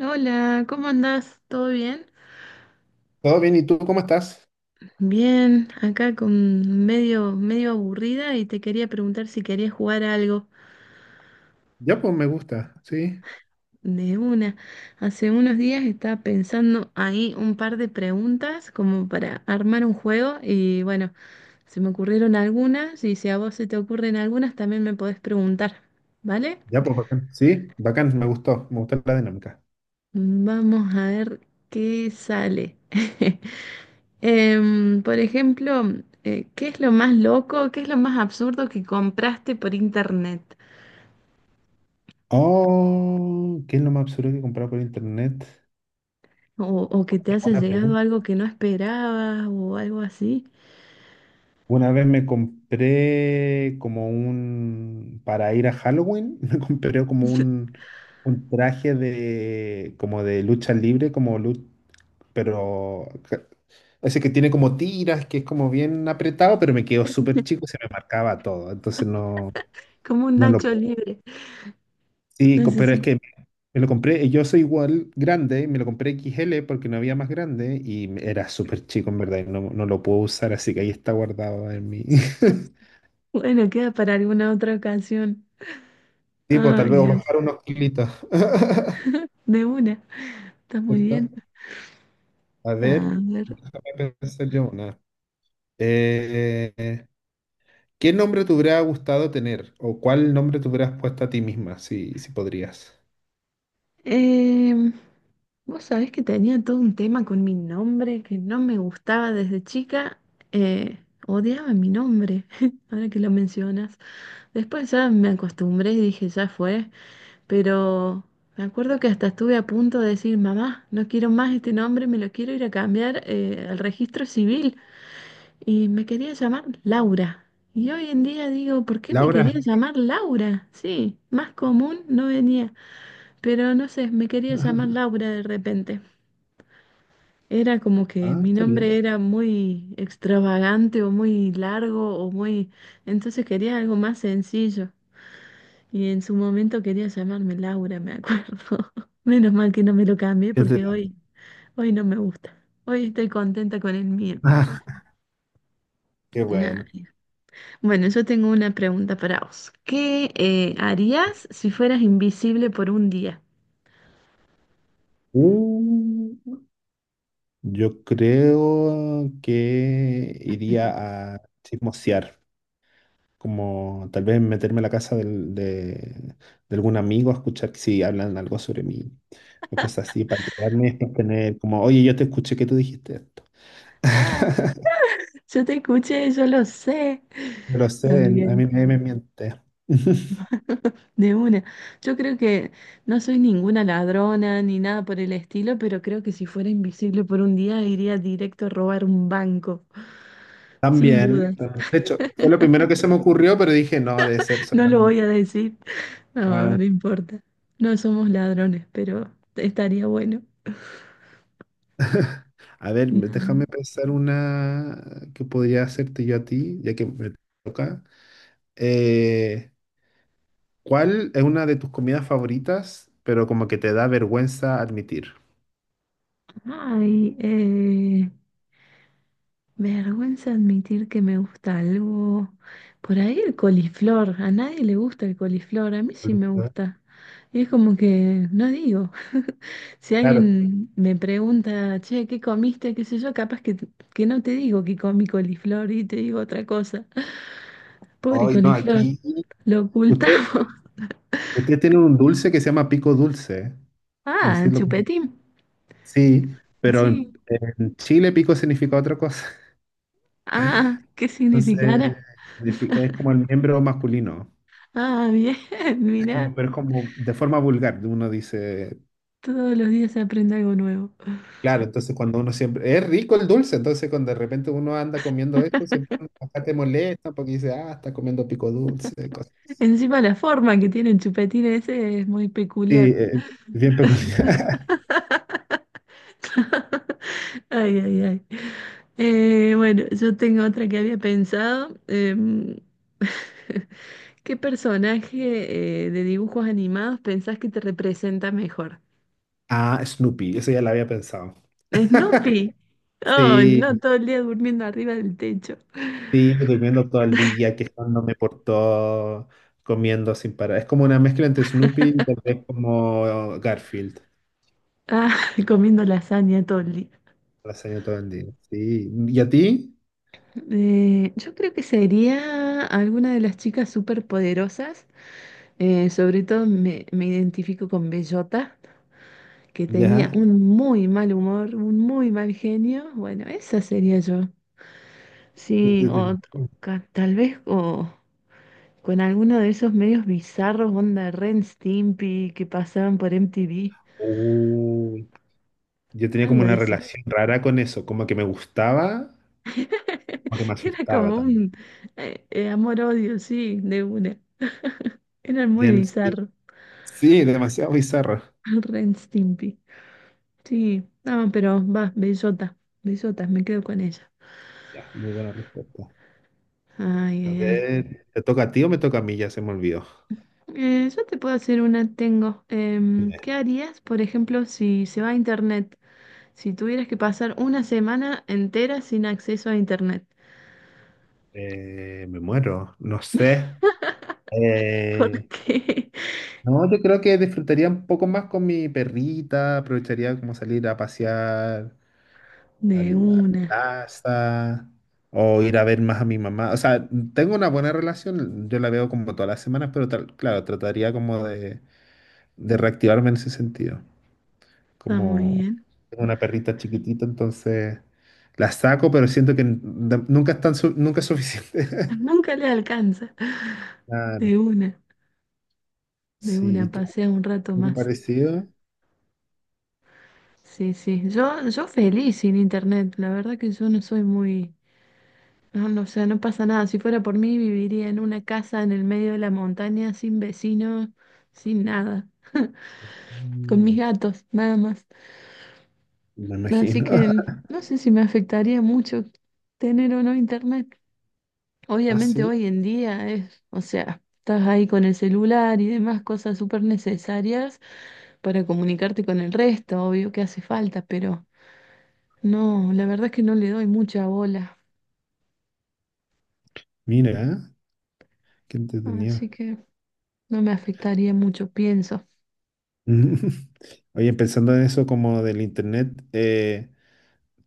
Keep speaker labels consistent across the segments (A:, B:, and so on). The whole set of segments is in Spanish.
A: Hola, ¿cómo andás? ¿Todo bien?
B: Todo bien, ¿y tú cómo estás?
A: Bien, acá con medio, medio aburrida y te quería preguntar si querías jugar a algo
B: Ya, pues me gusta, sí.
A: de una. Hace unos días estaba pensando ahí un par de preguntas como para armar un juego y bueno, se me ocurrieron algunas y si a vos se te ocurren algunas también me podés preguntar, ¿vale?
B: Ya, pues bacán. Sí, bacán, me gustó la dinámica.
A: Vamos a ver qué sale. Por ejemplo, ¿qué es lo más loco, qué es lo más absurdo que compraste por internet?
B: Oh, ¿qué es lo más absurdo que he comprado por internet?
A: O, o que te haya
B: Buena
A: llegado
B: pregunta.
A: algo que no esperabas o algo así,
B: Una vez me compré como un, para ir a Halloween, me compré como un traje de, como de lucha libre, pero ca- ese que tiene como tiras, que es como bien apretado, pero me quedó súper chico, y se me marcaba todo, entonces no,
A: como un
B: no lo...
A: Nacho libre.
B: Sí,
A: No sé
B: pero
A: si,
B: es que me lo compré, y yo soy igual grande, me lo compré XL porque no había más grande y era súper chico en verdad y no, no lo puedo usar, así que ahí está guardado en mi...
A: bueno, queda para alguna otra ocasión.
B: Tipo, tal
A: Ay,
B: vez
A: Dios,
B: bajar unos kilitos.
A: de una, está muy
B: ¿Cierto?
A: bien.
B: A ver,
A: A ver.
B: déjame pensar yo una. Eh, ¿Qué nombre te hubiera gustado tener? ¿O cuál nombre te hubieras puesto a ti misma, si podrías?
A: em, Vos sabés que tenía todo un tema con mi nombre que no me gustaba desde chica. eh, Odiaba mi nombre, ahora que lo mencionas. Después ya me acostumbré y dije, ya fue, pero me acuerdo que hasta estuve a punto de decir, mamá, no quiero más este nombre, me lo quiero ir a cambiar al registro civil. Y me quería llamar Laura. Y hoy en día digo, ¿por qué me quería
B: Laura.
A: llamar Laura? Sí, más común no venía, pero no sé, me quería llamar Laura de repente. Era como que
B: Ah,
A: mi
B: está
A: nombre
B: bien.
A: era muy extravagante o muy largo o muy... Entonces quería algo más sencillo. Y en su momento quería llamarme Laura, me acuerdo. Menos mal que no me lo cambié
B: ¿Qué te-
A: porque hoy, hoy no me gusta. Hoy estoy contenta con el mío.
B: qué
A: Nah.
B: bueno.
A: Bueno, yo tengo una pregunta para vos. ¿Qué harías si fueras invisible por un día?
B: Uh, yo creo que iría a chismosear, como tal vez meterme a la casa de algún amigo a escuchar si hablan algo sobre mí o cosas así, para enterarme, para tener como, oye, yo te escuché que tú dijiste esto.
A: Ah, yo te escuché, yo lo sé.
B: No lo sé,
A: Está
B: a
A: bien,
B: mí nadie me miente.
A: de una. Yo creo que no soy ninguna ladrona ni nada por el estilo, pero creo que si fuera invisible por un día iría directo a robar un banco, sin
B: También,
A: duda.
B: de hecho, fue lo primero que se me ocurrió, pero dije, no, debe ser
A: No lo
B: solamente...
A: voy a decir. No, no
B: ah,
A: importa. No somos ladrones, pero estaría bueno.
B: a ver,
A: Ay,
B: déjame pensar una que podría hacerte yo a ti, ya que me toca. Eh, ¿Cuál es una de tus comidas favoritas, pero como que te da vergüenza admitir?
A: ay, vergüenza admitir que me gusta algo. Por ahí el coliflor. A nadie le gusta el coliflor. A mí sí me
B: Ahorita.
A: gusta. Y es como que no digo. Si
B: Claro.
A: alguien me pregunta, che, ¿qué comiste? ¿Qué sé yo? Capaz que no te digo que comí coliflor y te digo otra cosa. Pobre
B: Hoy no,
A: coliflor.
B: aquí.
A: Lo
B: Usted,
A: ocultamos.
B: usted tiene un dulce que se llama pico dulce. No
A: Ah,
B: sé si lo...
A: chupetín.
B: Sí, pero en,
A: Sí.
B: en Chile pico significa otra cosa.
A: Ah, ¿qué
B: Entonces,
A: significará?
B: es como el miembro masculino.
A: Ah, bien,
B: Es como-
A: mirá,
B: pero es como de forma vulgar, uno dice
A: todos los días se aprende algo nuevo.
B: claro, entonces cuando uno siempre... Es rico el dulce, entonces cuando de repente uno anda comiendo esto, siempre acá te molesta porque dice, ah, está comiendo pico dulce, cosas así.
A: Encima la forma que tiene el chupetín ese es muy
B: Sí,
A: peculiar.
B: bien peculiar.
A: Ay, ay, ay. Bueno, yo tengo otra que había pensado. ¿Qué personaje de dibujos animados pensás que te representa mejor?
B: Ah, Snoopy, eso ya lo había pensado.
A: ¿Snoopy? Oh, no,
B: Sí,
A: todo el día durmiendo arriba del techo.
B: sí, durmiendo todo el día, quejándome por todo, comiendo sin parar. Es como una mezcla entre Snoopy y tal vez como Garfield,
A: Ah, comiendo lasaña todo el día.
B: lasaña todo el día. Sí, ¿y a ti?
A: Yo creo que sería alguna de las chicas superpoderosas. Sobre todo me identifico con Bellota, que tenía
B: Ya.
A: un muy mal humor, un muy mal genio. Bueno, esa sería yo. Sí, tal vez o con alguno de esos medios bizarros, onda Ren Stimpy, que pasaban por MTV.
B: Uy, yo tenía
A: Algo
B: como
A: de
B: una
A: eso.
B: relación rara con eso, como que me gustaba, como que me
A: Era
B: asustaba
A: como
B: también.
A: un amor-odio, sí, de una. Era muy
B: Bien, sí.
A: bizarro.
B: Sí, demasiado bizarra.
A: Ren Stimpy. Sí, no, pero va, bellota, bellota, me quedo con ella.
B: Ya, muy buena respuesta.
A: Ay,
B: A
A: ay, ay.
B: ver, ¿te toca a ti o me toca a mí? Ya se me olvidó.
A: Yo te puedo hacer una, tengo.
B: Dime.
A: ¿Qué harías, por ejemplo, si se va a internet? Si tuvieras que pasar una semana entera sin acceso a internet.
B: Me muero, no sé.
A: ¿Por
B: Eh,
A: qué?
B: no, yo creo que disfrutaría un poco más con mi perrita, aprovecharía como salir a pasear a
A: De
B: la
A: una,
B: plaza o ir a ver más a mi mamá. O sea, tengo una buena relación, yo la veo como todas las semanas, pero tal- claro, trataría como de reactivarme en ese sentido.
A: está muy
B: Como
A: bien.
B: tengo una perrita chiquitita, entonces la saco, pero siento que nunca es tan nunca es suficiente.
A: Nunca le alcanza.
B: Claro.
A: De una, de
B: Sí, ¿y
A: una,
B: tú?
A: pasea un rato
B: ¿Algo
A: más.
B: parecido?
A: Sí, sí, yo feliz sin internet. La verdad que yo no soy muy... No, no, o sea, no pasa nada. Si fuera por mí, viviría en una casa en el medio de la montaña, sin vecinos, sin nada, con mis
B: Mm,
A: gatos, nada más.
B: me
A: Así
B: imagino.
A: que no sé si me afectaría mucho tener o no internet.
B: Ah,
A: Obviamente
B: sí.
A: hoy en día es, o sea, estás ahí con el celular y demás cosas súper necesarias para comunicarte con el resto, obvio que hace falta, pero no, la verdad es que no le doy mucha bola.
B: Mira, qué
A: Así
B: entretenido.
A: que no me afectaría mucho, pienso.
B: Oye, pensando en eso como del internet,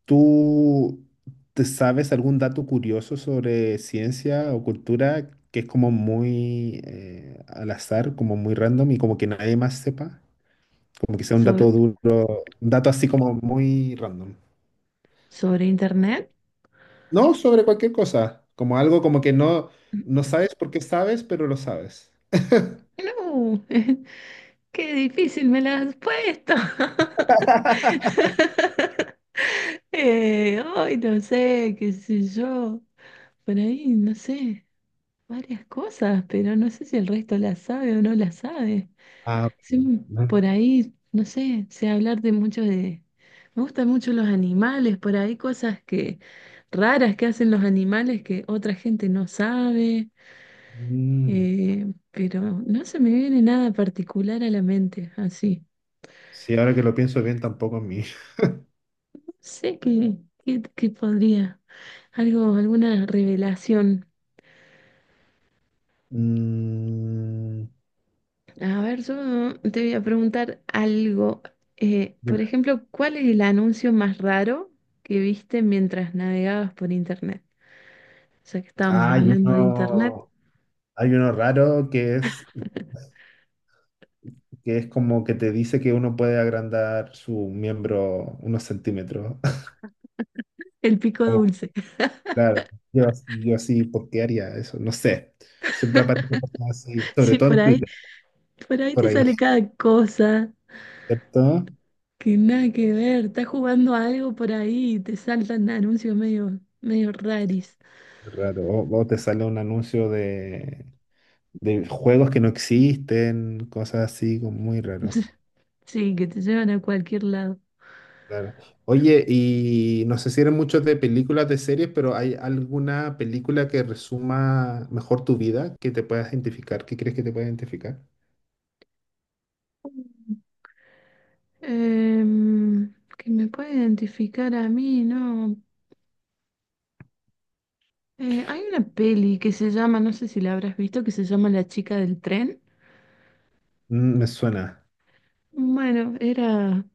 B: ¿tú te sabes algún dato curioso sobre ciencia o cultura que es como muy al azar, como muy random y como que nadie más sepa? Como que sea un
A: sobre
B: dato duro, un dato así como muy random.
A: ¿Sobre internet?
B: No, sobre cualquier cosa, como algo como que no, no sabes por qué sabes, pero lo sabes.
A: No, qué difícil me la has puesto. Ay, no sé, qué sé yo. Por ahí, no sé, varias cosas, pero no sé si el resto la sabe o no la sabe.
B: Ah, bueno,
A: Sí,
B: no.
A: por ahí, no sé, sé hablar de mucho de... Me gustan mucho los animales, por ahí cosas que raras que hacen los animales que otra gente no sabe.
B: Mm,
A: Pero no se me viene nada particular a la mente, así.
B: sí, ahora que lo pienso bien, tampoco a mí.
A: No sé qué podría, algo, alguna revelación.
B: Mm,
A: A ver, yo te voy a preguntar algo. Por
B: dime.
A: ejemplo, ¿cuál es el anuncio más raro que viste mientras navegabas por internet? Ya que estábamos
B: Ah,
A: hablando de internet,
B: hay uno raro que es como que te dice que uno puede agrandar su miembro unos centímetros.
A: el pico
B: Como,
A: dulce.
B: claro, yo así, ¿por qué haría eso? No sé. Siempre aparecen cosas así, sobre
A: Sí,
B: todo en Twitter,
A: por ahí
B: por
A: te
B: ahí,
A: sale cada cosa.
B: ¿cierto?
A: Que nada que ver, estás jugando a algo por ahí y te saltan anuncios medio, medio raris.
B: Raro. O te sale un anuncio de juegos que no existen, cosas así, como muy raro.
A: Sí, que te llevan a cualquier lado.
B: Claro. Oye, y no sé si eres mucho de películas, de series, pero ¿hay alguna película que resuma mejor tu vida, que te puedas identificar, que crees que te pueda identificar?
A: Que me puede identificar a mí, ¿no? Hay una peli que se llama, no sé si la habrás visto, que se llama La chica del tren.
B: Mm, me suena.
A: Bueno,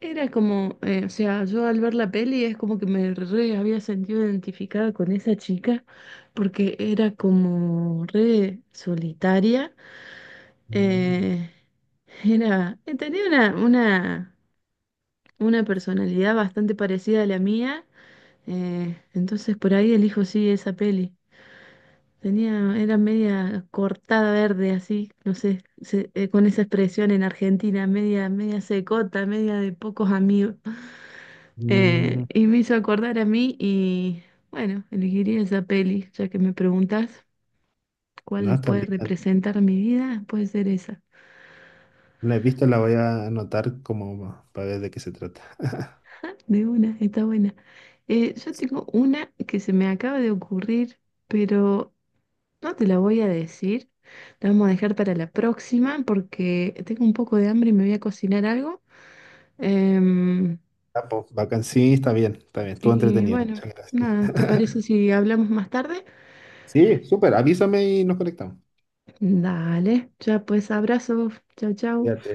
A: era como, o sea, yo al ver la peli es como que me re había sentido identificada con esa chica, porque era como re solitaria.
B: Mm,
A: Eh, Tenía una personalidad bastante parecida a la mía, entonces por ahí elijo sí esa peli. Tenía, era media cortada verde así, no sé, con esa expresión en Argentina, media, media secota, media de pocos amigos.
B: mm,
A: Y me hizo acordar a mí y bueno, elegiría esa peli, ya que me preguntas
B: no,
A: cuál
B: está
A: puede
B: lista.
A: representar mi vida, puede ser esa.
B: No la he visto, la voy a anotar como para ver de qué se trata.
A: De una, está buena. Yo tengo una que se me acaba de ocurrir, pero no te la voy a decir. La vamos a dejar para la próxima porque tengo un poco de hambre y me voy a cocinar algo. Em,
B: Ah, pues, bacán, sí, está bien, está bien. Estuvo
A: y
B: entretenido.
A: bueno,
B: Muchas gracias.
A: nada, ¿te parece si hablamos más tarde?
B: Sí, súper. Avísame y nos conectamos.
A: Dale, ya pues abrazos. Chau, chau.
B: Cuídate.